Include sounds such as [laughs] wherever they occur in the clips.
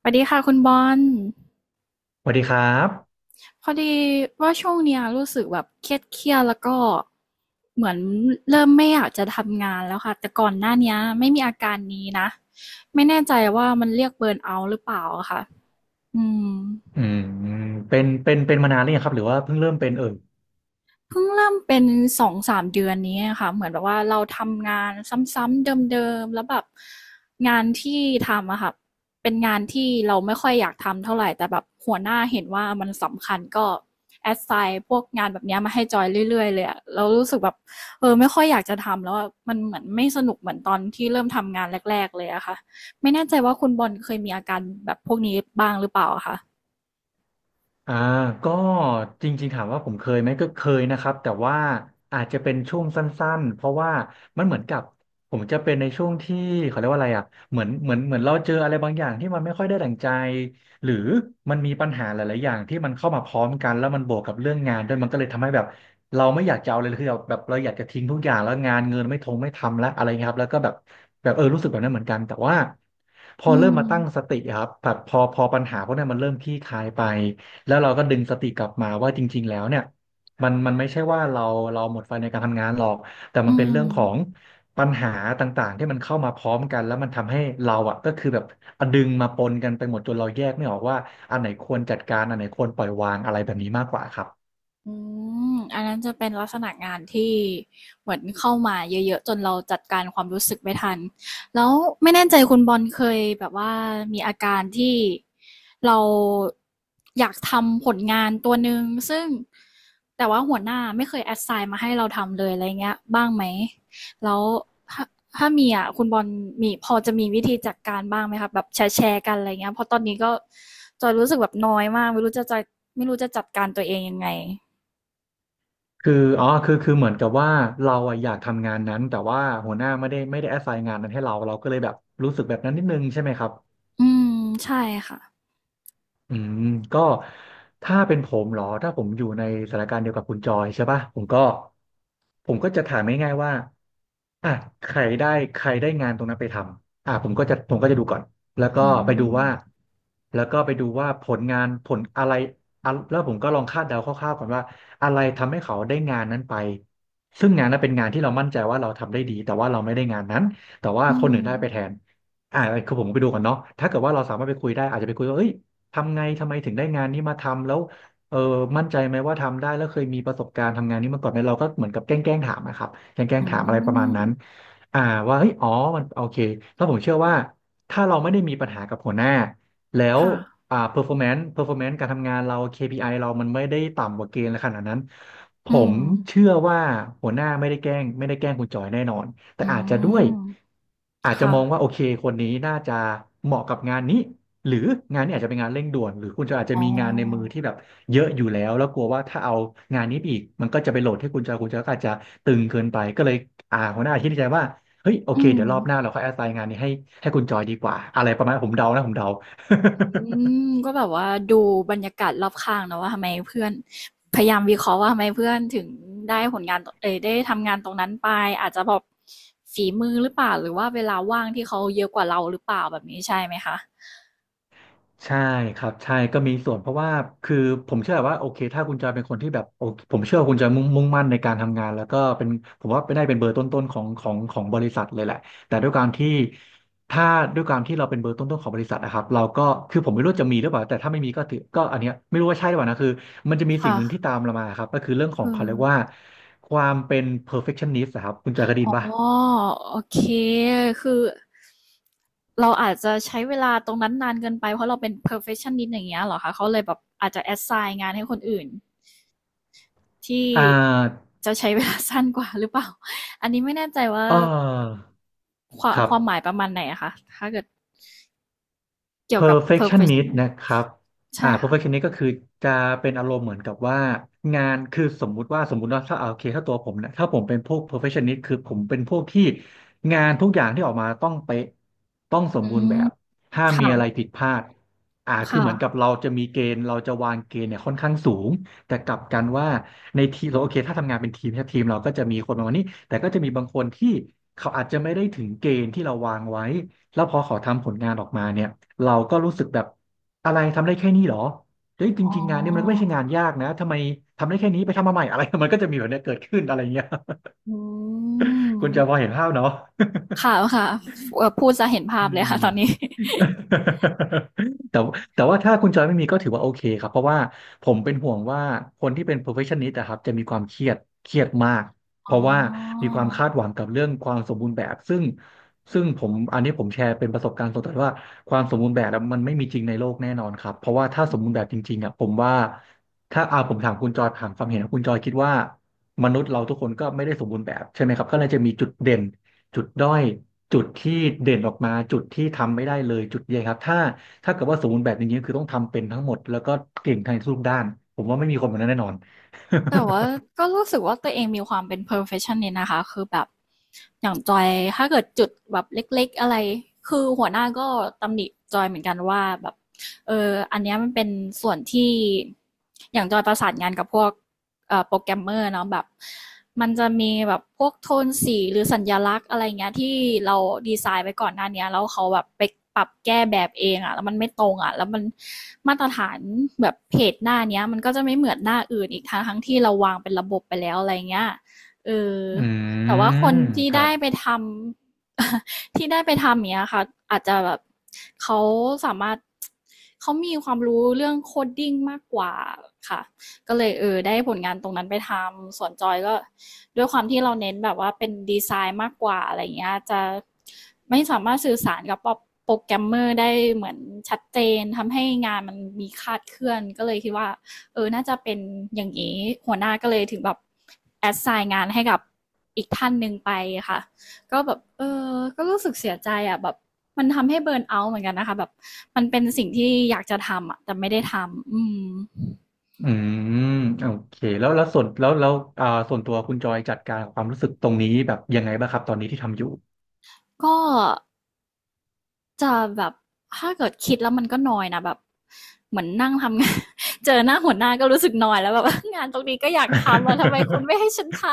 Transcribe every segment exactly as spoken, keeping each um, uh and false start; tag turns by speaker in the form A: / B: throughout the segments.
A: สวัสดีค่ะคุณบอล
B: สวัสดีครับ
A: พอดีว่าช่วงเนี้ยรู้สึกแบบเครียดเครียดแล้วก็เหมือนเริ่มไม่อยากจะทำงานแล้วค่ะแต่ก่อนหน้าเนี้ยไม่มีอาการนี้นะไม่แน่ใจว่ามันเรียกเบิร์นเอาท์หรือเปล่าอะค่ะอืม
B: อืมเป็นเป็นเป็นมานานหรือยังครับ หรือว่าเพิ่งเริ่มเป็นเอ่ย
A: เพิ่งเริ่มเป็นสองสามเดือนนี้อะค่ะเหมือนแบบว่าเราทำงานซ้ำๆเดิมๆแล้วแบบงานที่ทำอะค่ะเป็นงานที่เราไม่ค่อยอยากทำเท่าไรแต่แบบหัวหน้าเห็นว่ามันสำคัญก็ assign พวกงานแบบเนี้ยมาให้จอยเรื่อยๆเลยอะเรารู้สึกแบบเออไม่ค่อยอยากจะทำแล้วอะมันเหมือนไม่สนุกเหมือนตอนที่เริ่มทำงานแรกๆเลยอะค่ะไม่แน่ใจว่าคุณบอลเคยมีอาการแบบพวกนี้บ้างหรือเปล่าอะคะ
B: อ่าก็จริงๆถามว่าผมเคยไหมก็เคยนะครับแต่ว่าอาจจะเป็นช่วงสั้นๆเพราะว่ามันเหมือนกับผมจะเป็นในช่วงที่เขาเรียกว่าอะไรอ่ะเหมือนเหมือนเหมือนเราเจออะไรบางอย่างที่มันไม่ค่อยได้ดั่งใจหรือมันมีปัญหาหลายๆอย่างที่มันเข้ามาพร้อมกันแล้วมันบวกกับเรื่องงานด้วยมันก็เลยทำให้แบบเราไม่อยากจะเอาเลยคือแบบแบบเราอยากจะทิ้งทุกอย่างแล้วงานเงินไม่ทงไม่ทำแล้วอะไรเงี้ยครับแล้วก็แบบแบบเออรู้สึกแบบนั้นเหมือนกันแต่ว่าพอ
A: อื
B: เริ่ม
A: ม
B: มาตั้งสติอะครับแบบพอพอปัญหาพวกนั้นมันเริ่มคลี่คลายไป แล้วเราก็ดึงสติกลับมาว่าจริงๆแล้วเนี่ยมันมันไม่ใช่ว่าเราเราหมดไฟในการทำงานหรอกแต่มั
A: อื
B: นเป็นเรื่อ
A: ม
B: งของปัญหาต่างๆที่มันเข้ามาพร้อมกันแล้วมันทำให้เราอ่ะก็คือแบบดึงมาปนกันไปหมดจนเราแยกไม่ออกว่าอันไหนควรจัดการอันไหนควรปล่อยวางอะไรแบบนี้มากกว่าครับ
A: อืมอันนั้นจะเป็นลักษณะงานที่เหมือนเข้ามาเยอะๆจนเราจัดการความรู้สึกไม่ทัน แล้วไม่แน่ใจคุณบอลเคยแบบว่ามีอาการที่เราอยากทำผลงานตัวหนึ่งซึ่งแต่ว่าหัวหน้าไม่เคยแอสไซน์มาให้เราทำเลยอะไรเงี้ยบ้างไหมแล้วถ้าถ้ามีอ่ะคุณบอลมีพอจะมีวิธีจัดการบ้างไหมครับแบบแชร์แกันอะไรเงี้ยเพราะตอนนี้ก็จอยรู้สึกแบบน้อยมากไม่รู้จะจะไม่รู้จะจัดการตัวเองยังไง
B: คืออ๋อคือคือเหมือนกับว่าเราอะอยากทำงานนั้นแต่ว่าหัวหน้าไม่ได้ไม่ได้ assign งานนั้นให้เราเราก็เลยแบบรู้สึกแบบนั้นนิดนึงใช่ไหมครับ
A: อืมใช่ค่ะ
B: อืมก็ถ้าเป็นผมเหรอถ้าผมอยู่ในสถานการณ์เดียวกับคุณจอยใช่ป่ะผมก็ผมก็จะถามง่ายๆว่าอ่ะใครได้ใครได้งานตรงนั้นไปทำอ่ะผมก็จะผมก็จะดูก่อนแล้วก็
A: อื
B: ไปดูว่า
A: ม
B: แล้วก็ไปดูว่าผลงานผลอะไรอะแล้วผมก็ลองคาดเดาคร่าวๆก่อนว่าอะไรทำให้เขาได้งานนั้นไปซึ่งงานนั้นเป็นงานที่เรามั่นใจว่าเราทำได้ดีแต่ว่าเราไม่ได้งานนั้นแต่ว่า
A: อื
B: คนอื่น
A: ม
B: ได้ไปแทนอ่าคือผมไปดูก่อนเนาะถ้าเกิดว่าเราสามารถไปคุยได้อาจจะไปคุยว่าเอ้ย ทำไงทำไมถึงได้งานนี้มาทำแล้วเออมั่นใจไหมว่าทำได้แล้วเคยมีประสบการณ์ทำงานนี้มาก่อนไหมเราก็เหมือนกับแกล้งแกล้งถามนะครับแกล้งแกล้ง
A: อื
B: ถามอะไรประมาณ
A: ม
B: นั้นอ่าว่าเฮ้ยอ๋อมันโอเคแล้วผมเชื่อว่าถ้าเราไม่ได้มีปัญหากับหัวหน้าแล้ว
A: ค่ะ
B: อ่า performance performance การทำงานเรา เค พี ไอ เรามันไม่ได้ต่ำกว่าเกณฑ์ขนาดนั้นผ
A: อืม
B: มเชื่อว่าหัวหน้าไม่ได้แกล้งไม่ได้แกล้งคุณจอยแน่นอนแต่
A: อื
B: อาจจะด้วย
A: ม
B: อาจจะ
A: ค่ะ
B: มองว่าโอเคคนนี้น่าจะเหมาะกับงานนี้ หรืองานนี้อาจจะเป็นงานเร่งด่วนหรือคุณจะอาจจะ
A: อ๋
B: มีงานในมือ
A: อ
B: ที่แบบเยอะอยู่แล้วแล้วกลัวว่าถ้าเอางานนี้ไปอีกมันก็จะไปโหลดให้คุณจอยคุณจอยก็อาจจะตึงเกินไปก็เลยอ่าหัวหน้าคิดในใจว่าเฮ้ยโอ
A: อื
B: เค
A: ม
B: เดี๋ยวรอบหน้าเราค่อยแอสไซน์งานนี้ให้ให้คุณจอยดีกว่าอะไรประมาณผมเดานะผมเดา
A: อืมก็แบบว่าดูบรรยากาศรอบข้างเนาะว่าทำไมเพื่อนพยายามวิเคราะห์ว่าทำไมเพื่อนถึงได้ผลงานเอ่ยได้ทำงานตรงนั้นไปอาจจะแบบฝีมือหรือเปล่าหรือว่าเวลาว่างที่เขาเยอะกว่าเราหรือเปล่าแบบนี้ใช่ไหมคะ
B: ใช่ครับใช่ก็มีส่วนเพราะว่าคือผมเชื่อว่าโอเคถ้าคุณจอยเป็นคนที่แบบโอเคผมเชื่อว่าคุณจะมุ่งมุ่งมั่นในการทำงานแล้วก็เป็นผมว่าเป็นได้เป็นเบอร์ต้นๆของของของบริษัทเลยแหละแต่ด้วยการที่ถ้าด้วยการที่เราเป็นเบอร์ต้นๆของบริษัทนะครับเราก็คือผมไม่รู้จะมีหรือเปล่าแต่ถ้าไม่มีก็ถือก็อันเนี้ยไม่รู้ว่าใช่หรือเปล่านะคือมันจะมีสิ่ง
A: ค่ะ
B: หนึ่งที่ตามเรามาครับก็คือเรื่องของ
A: คื
B: เขา
A: อ
B: เรียกว่าความเป็น perfectionist อะครับคุณจอยเคยได้
A: อ๋
B: ยิ
A: อ
B: นป่ะ
A: โอเคคือเราอาจจะใช้เวลาตรงนั้นนานเกินไปเพราะเราเป็น perfectionist อย่างเงี้ยเหรอคะเขาเลยแบบอาจจะ assign งานให้คนอื่นที่
B: อ่า
A: จะใช้เวลา [laughs] สั้นกว่าหรือเปล่า [laughs] อันนี้ไม่แน่ใจว่า
B: เออ
A: ควา
B: ค
A: ม
B: รั
A: ค
B: บ
A: วามหมายประมาณไหนอะคะถ้าเกิดเกี่ยวกับ
B: perfectionist
A: perfectionist
B: นะครับ
A: ใช่
B: อ่า
A: ค่ะ
B: perfectionist ก็คือจะเป็นอารมณ์เหมือนกับว่างานคือสมมุติว่าสมมุติว่าถ้าเอาโอเคถ้าตัวผมนะถ้าผมเป็นพวก perfectionist คือผมเป็นพวกที่งานทุกอย่างที่ออกมาต้องเป๊ะต้องสม
A: อื
B: บูรณ์
A: ม
B: แบบห้ามมีอะไร
A: ค่ะ
B: ผิดพลาดอ่าคือเหมือนกับ
A: ค่ะ
B: เราจะมีเกณฑ์เราจะวางเกณฑ์เนี่ยค่อนข้างสูง แต่กลับกันว่าในทีมเราโอเคถ้าทำงานเป็นทีมถ้าทีมเราก็จะมีคนประมาณนี้แต่ก็จะมีบางคนที่เขาอาจจะไม่ได้ถึงเกณฑ์ที่เราวางไว้ แล้วพอเขาทำผลงานออกมาเนี่ยเราก็รู้สึกแบบอะไรทำได้แค่นี้เหรอเฮ้ยจ
A: อ๋
B: ริงๆงานเนี่ยมันก็ไม่
A: อ
B: ใช่งานยากนะทำไมทำได้แค่นี้ไปทำมาใหม่อะไร [laughs] มันก็จะมีแบบเนี้ยเกิดขึ้นอะไรเงี้ย
A: อืม
B: [laughs] คุณจะพอเห็นภาพเนาะ
A: ค่ะค่ะเอ่อพูดจะเห็นภา
B: อื
A: พเลย
B: ม
A: ค่ะตอนนี้ [laughs]
B: [laughs] แต่แต่ว่าถ้าคุณจอยไม่มีก็ถือว่าโอเคครับเพราะว่าผมเป็นห่วงว่าคนที่เป็น perfectionist นะครับจะมีความเครียดเครียดมากเพ
A: อ๋
B: ราะว่า
A: อ
B: มีความคาดหวังกับเรื่องความสมบูรณ์แบบซึ่งซึ่งผมอันนี้ผมแชร์เป็นประสบการณ์ส่วนตัวว่าความสมบูรณ์แบบอะมันไม่มีจริงในโลกแน่นอนครับเพราะว่าถ้าส
A: อื
B: มบูร
A: ม
B: ณ์แบบจริงๆอ่ะผมว่าถ้าอาผมถามคุณจอยถามความเห็นของคุณจอยคิดว่ามนุษย์เราทุกคนก็ไม่ได้สมบูรณ์แบบใช่ไหมครับก็เลยจะมีจุดเด่น จุดด้อยจุดที่เด่นออกมาจุดที่ทำไม่ได้เลยจุดใหญ่ครับถ้าถ้าเกิดว่าสมบูรณ์แบบอย่างนี้ยคือต้องทำเป็นทั้งหมดแล้วก็เก่งทางทุกด้านผมว่าไม่มีคนแบบนั้นแน่นอน
A: แต่ว่าก็รู้สึกว่าตัวเองมีความเป็น perfectionist นะคะคือแบบอย่างจอยถ้าเกิดจุดแบบเล็กๆอะไรคือหัวหน้าก็ตำหนิจอยเหมือนกันว่าแบบเอออันเนี้ยมันเป็นส่วนที่อย่างจอยประสานงานกับพวก โปรแกรมเมอร์เนาะแบบมันจะมีแบบพวกโทนสีหรือสัญลักษณ์อะไรเงี้ยที่เราดีไซน์ไว้ก่อนหน้าเนี้ยแล้วเขาแบบไปปรับแก้แบบเองอะแล้วมันไม่ตรงอะแล้วมันมาตรฐานแบบเพจหน้านี้มันก็จะไม่เหมือนหน้าอื่นอีกทั้งทั้งที่เราวางเป็นระบบไปแล้วอะไรเงี้ยเออ
B: อื
A: แต่ว่าคน
B: ม
A: ที่
B: ครั
A: ได้
B: บ
A: ไปทำ [laughs] ที่ได้ไปทำเนี้ยค่ะอาจจะแบบเขาสามารถเขามีความรู้เรื่องโคดดิ้งมากกว่าค่ะ ก็เลยเออได้ผลงานตรงนั้นไปทำส่วนจอยก็ด้วยความที่เราเน้นแบบว่าเป็นดีไซน์มากกว่าอะไรเงี้ยจะไม่สามารถสื่อสารกับโปรแกรมเมอร์ได้เหมือนชัดเจนทำให้งานมันมีคลาดเคลื่อนก็เลยคิดว่าเออน่าจะเป็นอย่างนี้หัวหน้าก็เลยถึงแบบแอดไซน์งานให้กับอีกท่านหนึ่งไปค่ะก็แบบเออก็รู้สึกเสียใจอ่ะแบบมันทำให้เบิร์นเอาท์เหมือนกันนะคะแบบมันเป็นสิ่งที่อยากจะทำอ่ะแต่ไม่ได้ทำอืม
B: อืมโอเคแล้วแล้วส่วนแล้วแล้วอ่าส่วนตัวคุณจอยจัดการกับความรู้สึกตรงนี้แบบยังไงบ้างครับตอนนี้ที่ทำอยู่
A: ก็ จะแบบถ้าเกิดคิดแล้วมันก็นอยนะแบบเหมือนนั่งทำงาน [laughs] เจอหน้าหัวหน้าก็รู้สึกนอยแล้วแบบ [laughs] งานตรงนี้ก็อยากทำอะทำไมคุณ
B: [laughs]
A: ไม่ให้ฉันท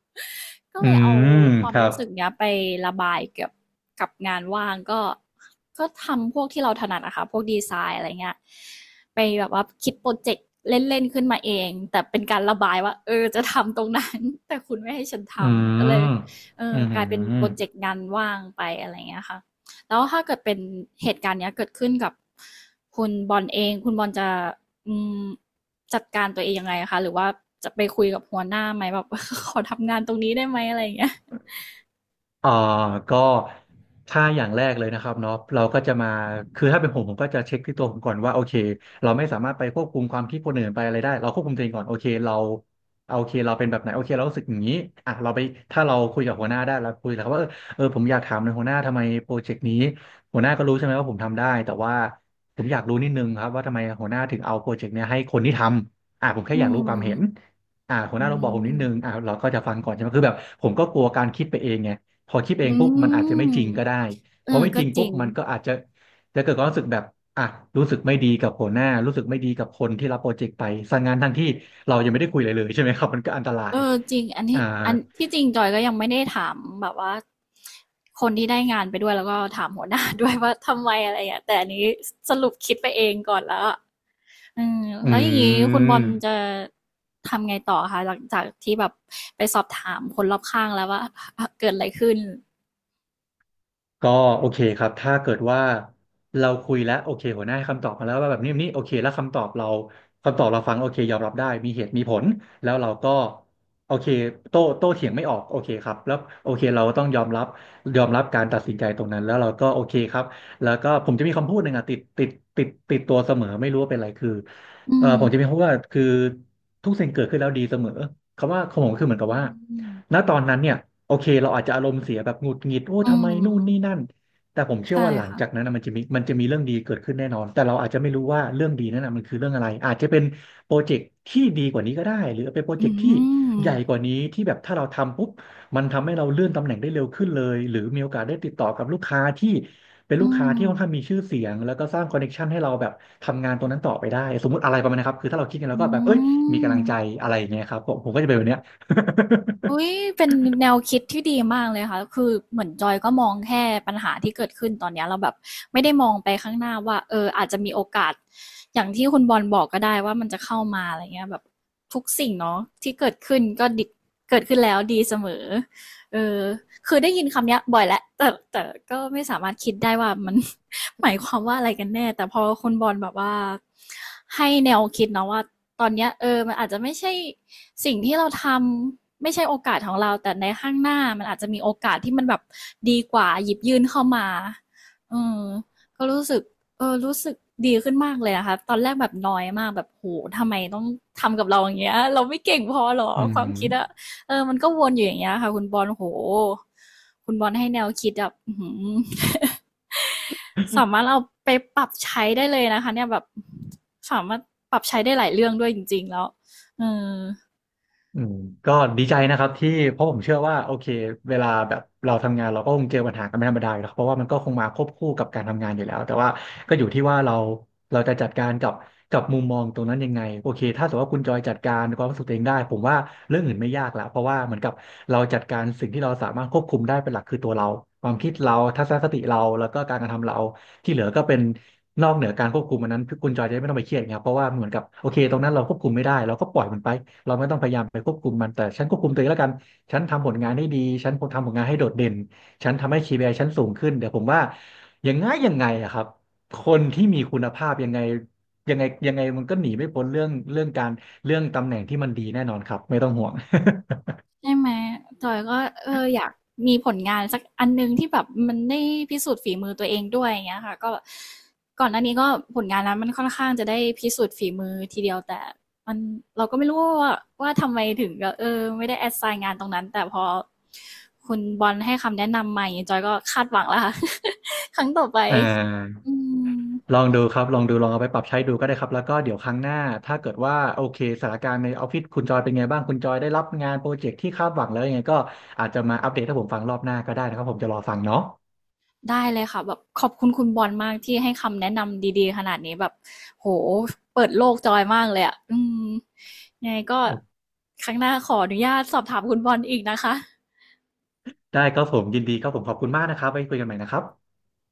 A: ำ [laughs] ก็
B: อื
A: เลยเอา
B: ม
A: ควา
B: ค
A: ม
B: รั
A: รู้
B: บ
A: สึกเนี้ยไประบายกับกับงานว่างก็ก็ทำพวกที่เราถนัดอะค่ะพวกดีไซน์อะไรเงี้ยไปแบบว่าคิดโปรเจกต์เล่นๆขึ้นมาเองแต่เป็นการระบายว่าเออจะทำตรงนั้น [laughs] แต่คุณไม่ให้ฉันท
B: อื
A: ำก็
B: ม
A: เลยเออ
B: อื
A: กลายเป็น
B: ม
A: โปรเจกต์งานว่างไปอะไรเงี้ยค่ะ แล้วถ้าเกิดเป็นเหตุการณ์เนี้ยเกิดขึ้นกับคุณบอลเองคุณบอลจะอืมจัดการตัวเองยังไงคะหรือว่าจะไปคุยกับหัวหน้าไหมแบบ [laughs] ขอทำงานตรงนี้ได้ไหมอะไรอย่างเงี้ย
B: อ่อก็ถ้าอย่างแรกเลยนะครับเนาะเราก็จะมาคือถ้าเป็นผมผมก็จะเช็คที่ตัวผมก่อนว่าโอเคเราไม่สามารถไปควบคุมความคิดคนอื่นไปอะไรได้เราควบคุมตัวเองก่อนโอเคเราโอเคเราเป็นแบบไหนโอเคเรารู้สึกอย่างนี้อ่ะเราไปถ้าเราคุยกับหัวหน้าได้เราคุยแล้วว่าเออเออผมอยากถามในอยหัวหน้าทำไมโปรเจกต์นี้หัวหน้าก็รู้ใช่ไหมว่าผมทำได้แต่ว่าผมอยากรู้นิดนึงครับว่าทำไมหัวหน้าถึงเอาโปรเจกต์เนี้ยให้คนที่ทำอ่ะผมแค่
A: อื
B: อยาก
A: ม
B: รู้ความเห็นอ่าหัวห
A: อื
B: น้าลองบอกผมนิดนึง
A: ม
B: อ่าเราก็จะฟังก่อนใช่ไหมคือแบบผมก็กลัวการคิดไปเองไง พอคิดเอง
A: อื
B: ปุ๊บมันอาจจะไม่
A: ม
B: จริงก็ได้
A: เอ
B: พ
A: อ
B: อไม่
A: ก็
B: จริง
A: จ
B: ปุ๊
A: ริ
B: บ
A: ง
B: มันก็อาจจะจะเกิดความรู้สึกแบบอ่ะรู้สึกไม่ดีกับหัวหน้ารู้สึกไม่ดีกับคนที่รับโปรเจกต์ไปสั่งงานทั้งที่เรายังไม่ได้คุยเลยเลยใช่ไหมครับมันก็อันตรา
A: เอ
B: ย
A: อจริงอัน
B: อ่า
A: ที่อันที่จริงจอยก็ยังไม่ได้ถามแบบว่าคนที่ได้งานไปด้วยแล้วก็ถามหัวหน้า [laughs] ด้วยว่าทำไมอะไรอย่างเงี้ยแต่อันนี้สรุปคิดไปเองก่อนแล้วอะอืม
B: อื
A: แล้วอย่างนี้คุณบอลจะ
B: ม
A: ทำไงต่อคะหลังจากที่แบบไปสอบถามคนรอบข้างแล้วว่าเกิดอะไรขึ้น
B: ก็โอเคครับถ้าเกิดว่าเราคุยแล้วโอเคหัวหน้าให้คำตอบมาแล้วว่าแบบนี้แบบนี้โอเคแล้วคำตอบเราคำตอบเราฟังโอเคยอมรับได้มีเหตุมีผลแล้วเราก็โอเคโต้โต้เถียงไม่ออกโอเคครับแล้วโอเคเราต้องยอมรับยอมรับการตัดสินใจตรงนั้นแล้วเราก็โอเคครับแล้วก็ผมจะมีคำพูดหนึ่งอะติดติดติดติดตัวเสมอไม่รู้ว่าเป็นอะไรคือ
A: อื
B: เออ
A: ม
B: ผมจะมีคำพูดว่าคือทุกสิ่งเกิดขึ้นแล้วดีเสมอคำว่าของ
A: อ๋
B: ผมคือเหมือนกับว่า
A: อ
B: ณตอนนั้นเนี่ยโอเคเราอาจจะอารมณ์เสียแบบหงุดหงิดโอ้
A: อื
B: ทำไมนู่
A: ม
B: นนี่นั่นแต่ผมเชื่อ
A: ใช่
B: ว่าหลัง
A: ค่ะ
B: จากนั้นนะมันจะมีมันจะมีเรื่องดีเกิดขึ้นแน่นอนแต่เราอาจจะไม่รู้ว่าเรื่องดีนั้นนะมันคือเรื่องอะไรอาจจะเป็นโปรเจกต์ที่ดีกว่านี้ก็ได้หรือเป็นโปรเจ
A: อื
B: กต์ที่
A: ม
B: ใหญ่กว่านี้ที่แบบถ้าเราทำปุ๊บมันทำให้เราเลื่อนตำแหน่งได้เร็วขึ้นเลยหรือมีโอกาสได้ติดต่อกับลูกค้าที่เป็นลู
A: อื
B: กค้า
A: ม
B: ที่ค่อนข้างมีชื่อเสียงแล้วก็สร้างคอนเนคชันให้เราแบบทำงานตรงนั้นต่อไปได้สมมติอะไรประมาณนี้ครับคือถ้าเราคิดกันแล้วก็แบบเอ้ย
A: อื
B: มีกำลังใจ
A: ม
B: อะไรอย่างเงี้ยครับผมผมก็จะเป็นแบบเนี้ย
A: อุ๊ยเป็นแนวคิดที่ดีมากเลยค่ะคือเหมือนจอยก็มองแค่ปัญหาที่เกิดขึ้นตอนเนี้ยเราแบบไม่ได้มองไปข้างหน้าว่าเอออาจจะมีโอกาสอย่างที่คุณบอลบอกก็ได้ว่ามันจะเข้ามาอะไรเงี้ยแบบทุกสิ่งเนาะที่เกิดขึ้นก็ดเกิดขึ้นแล้วดีเสมอเออคือได้ยินคำเนี้ยบ่อยแล้วแต่แต่ก็ไม่สามารถคิดได้ว่ามัน [laughs] หมายความว่าอะไรกันแน่แต่พอคุณบอลแบบว่าให้แนวคิดเนาะว่าตอนเนี้ยเออมันอาจจะไม่ใช่สิ่งที่เราทำ ไม่ใช่โอกาสของเราแต่ในข้างหน้ามันอาจจะมีโอกาสที่มันแบบดีกว่าหยิบยื่นเข้ามาอืมก็รู้สึกเออรู้สึกดีขึ้นมากเลยนะคะตอนแรกแบบน้อยมากแบบโหทำไมต้องทำกับเราอย่างเงี้ยเราไม่เก่งพอหรอ
B: อื
A: ควา
B: ม
A: มคิดอะเออมันก็วนอยู่อย่างเงี้ยค่ะคุณบอลโหคุณบอลให้แนวคิดแบบ้ [laughs] สามารถเอาไปปรับใช้ได้เลยนะคะเนี่ยแบบสามารถปรับใช้ได้หลายเรื่องด้วยจริงๆแล้วเออ
B: อืมก็ดีใจนะครับที่เพราะผมเชื่อว่าโอเคเวลาแบบเราทำงานเราก็คงเจอปัญหากันเป็นธรรมดาอยู่แล้วเพราะว่ามันก็คงมาควบคู่กับการทำงานอยู่แล้วแต่ว่าก็อยู่ที่ว่าเราเราจะจัดการกับกับมุมมองตรงนั้นยังไงโอเคถ้าสมมติว่าคุณจอยจัดการความรู้สึกตัวเองได้ผมว่าเรื่องอื่นไม่ยากละเพราะว่าเหมือนกับเราจัดการสิ่งที่เราสามารถควบคุมได้เป็นหลักคือตัวเราความคิดเราทัศนคติเราแล้วก็การกระทำเรา ที่เหลือก็เป็นนอกเหนือการควบคุมอันนั้นคุณจอยจะไม่ต้องไปเครียดไครับเพราะว่าเหมือนกับโอเคตรงนั้นเราควบคุมไม่ได้เราก็ปล่อยมันไปเราไม่ต้องพยายามไปควบคุมมันแต่ฉันควบคุมตัวเองแล้วกันฉันทำผลงานให้ดีฉันทำผลงานให้โดดเด่นฉันทำให้ เค พี ไอ ฉันสูงขึ้นเดี๋ยวผมว่ายังไงยังไงอะครับคนที่มีคุณภาพยังไงยังไงยังไงมันก็หนีไม่พ้นเรื่องเรื่องการเรื่องตำแหน่งที่มันดีแน่นอนครับไม่ต้องห่วง [laughs]
A: ใช่ไหมจอยก็เอออยากมีผลงานสักอันหนึ่งที่แบบมันได้พิสูจน์ฝีมือตัวเองด้วยอย่างเงี้ยค่ะก็ก่อนหน้านี้ก็ผลงานนั้นมันค่อนข้างจะได้พิสูจน์ฝีมือทีเดียวแต่มันเราก็ไม่รู้ว่าว่าทำไมถึงก็เออไม่ได้แอดไซน์งานตรงนั้นแต่พอคุณบอลให้คำแนะนำใหม่จอยก็คาดหวังแล้วค่ะ [laughs] ครั้งต่อไป
B: อ่า
A: อืม
B: ลองดูครับลองดูลองเอาไปปรับใช้ดูก็ได้ครับแล้วก็เดี๋ยวครั้งหน้าถ้าเกิดว่าโอเคสถานการณ์ในออฟฟิศคุณจอยเป็นไงบ้างคุณจอยได้รับงานโปรเจกต์ที่คาดหวังแล้วยังไงก็อาจจะมาอัปเดตให้ผมฟังรอบหน้าก็ได้นะครับผมจะรอฟังเนาะ
A: ได้เลยค่ะแบบขอบคุณคุณบอลมากที่ให้คำแนะนำดีๆขนาดนี้แบบโหเปิดโลกจอยมากเลยอ่ะอืมยังไงก็
B: โอ
A: ครั้งหน้าขออนุญาตสอบถามคุณบอลอีกนะคะ
B: ได้ครับผมยินดีครับผมขอบคุณมากนะครับไว้คุยกันใหม่นะครับ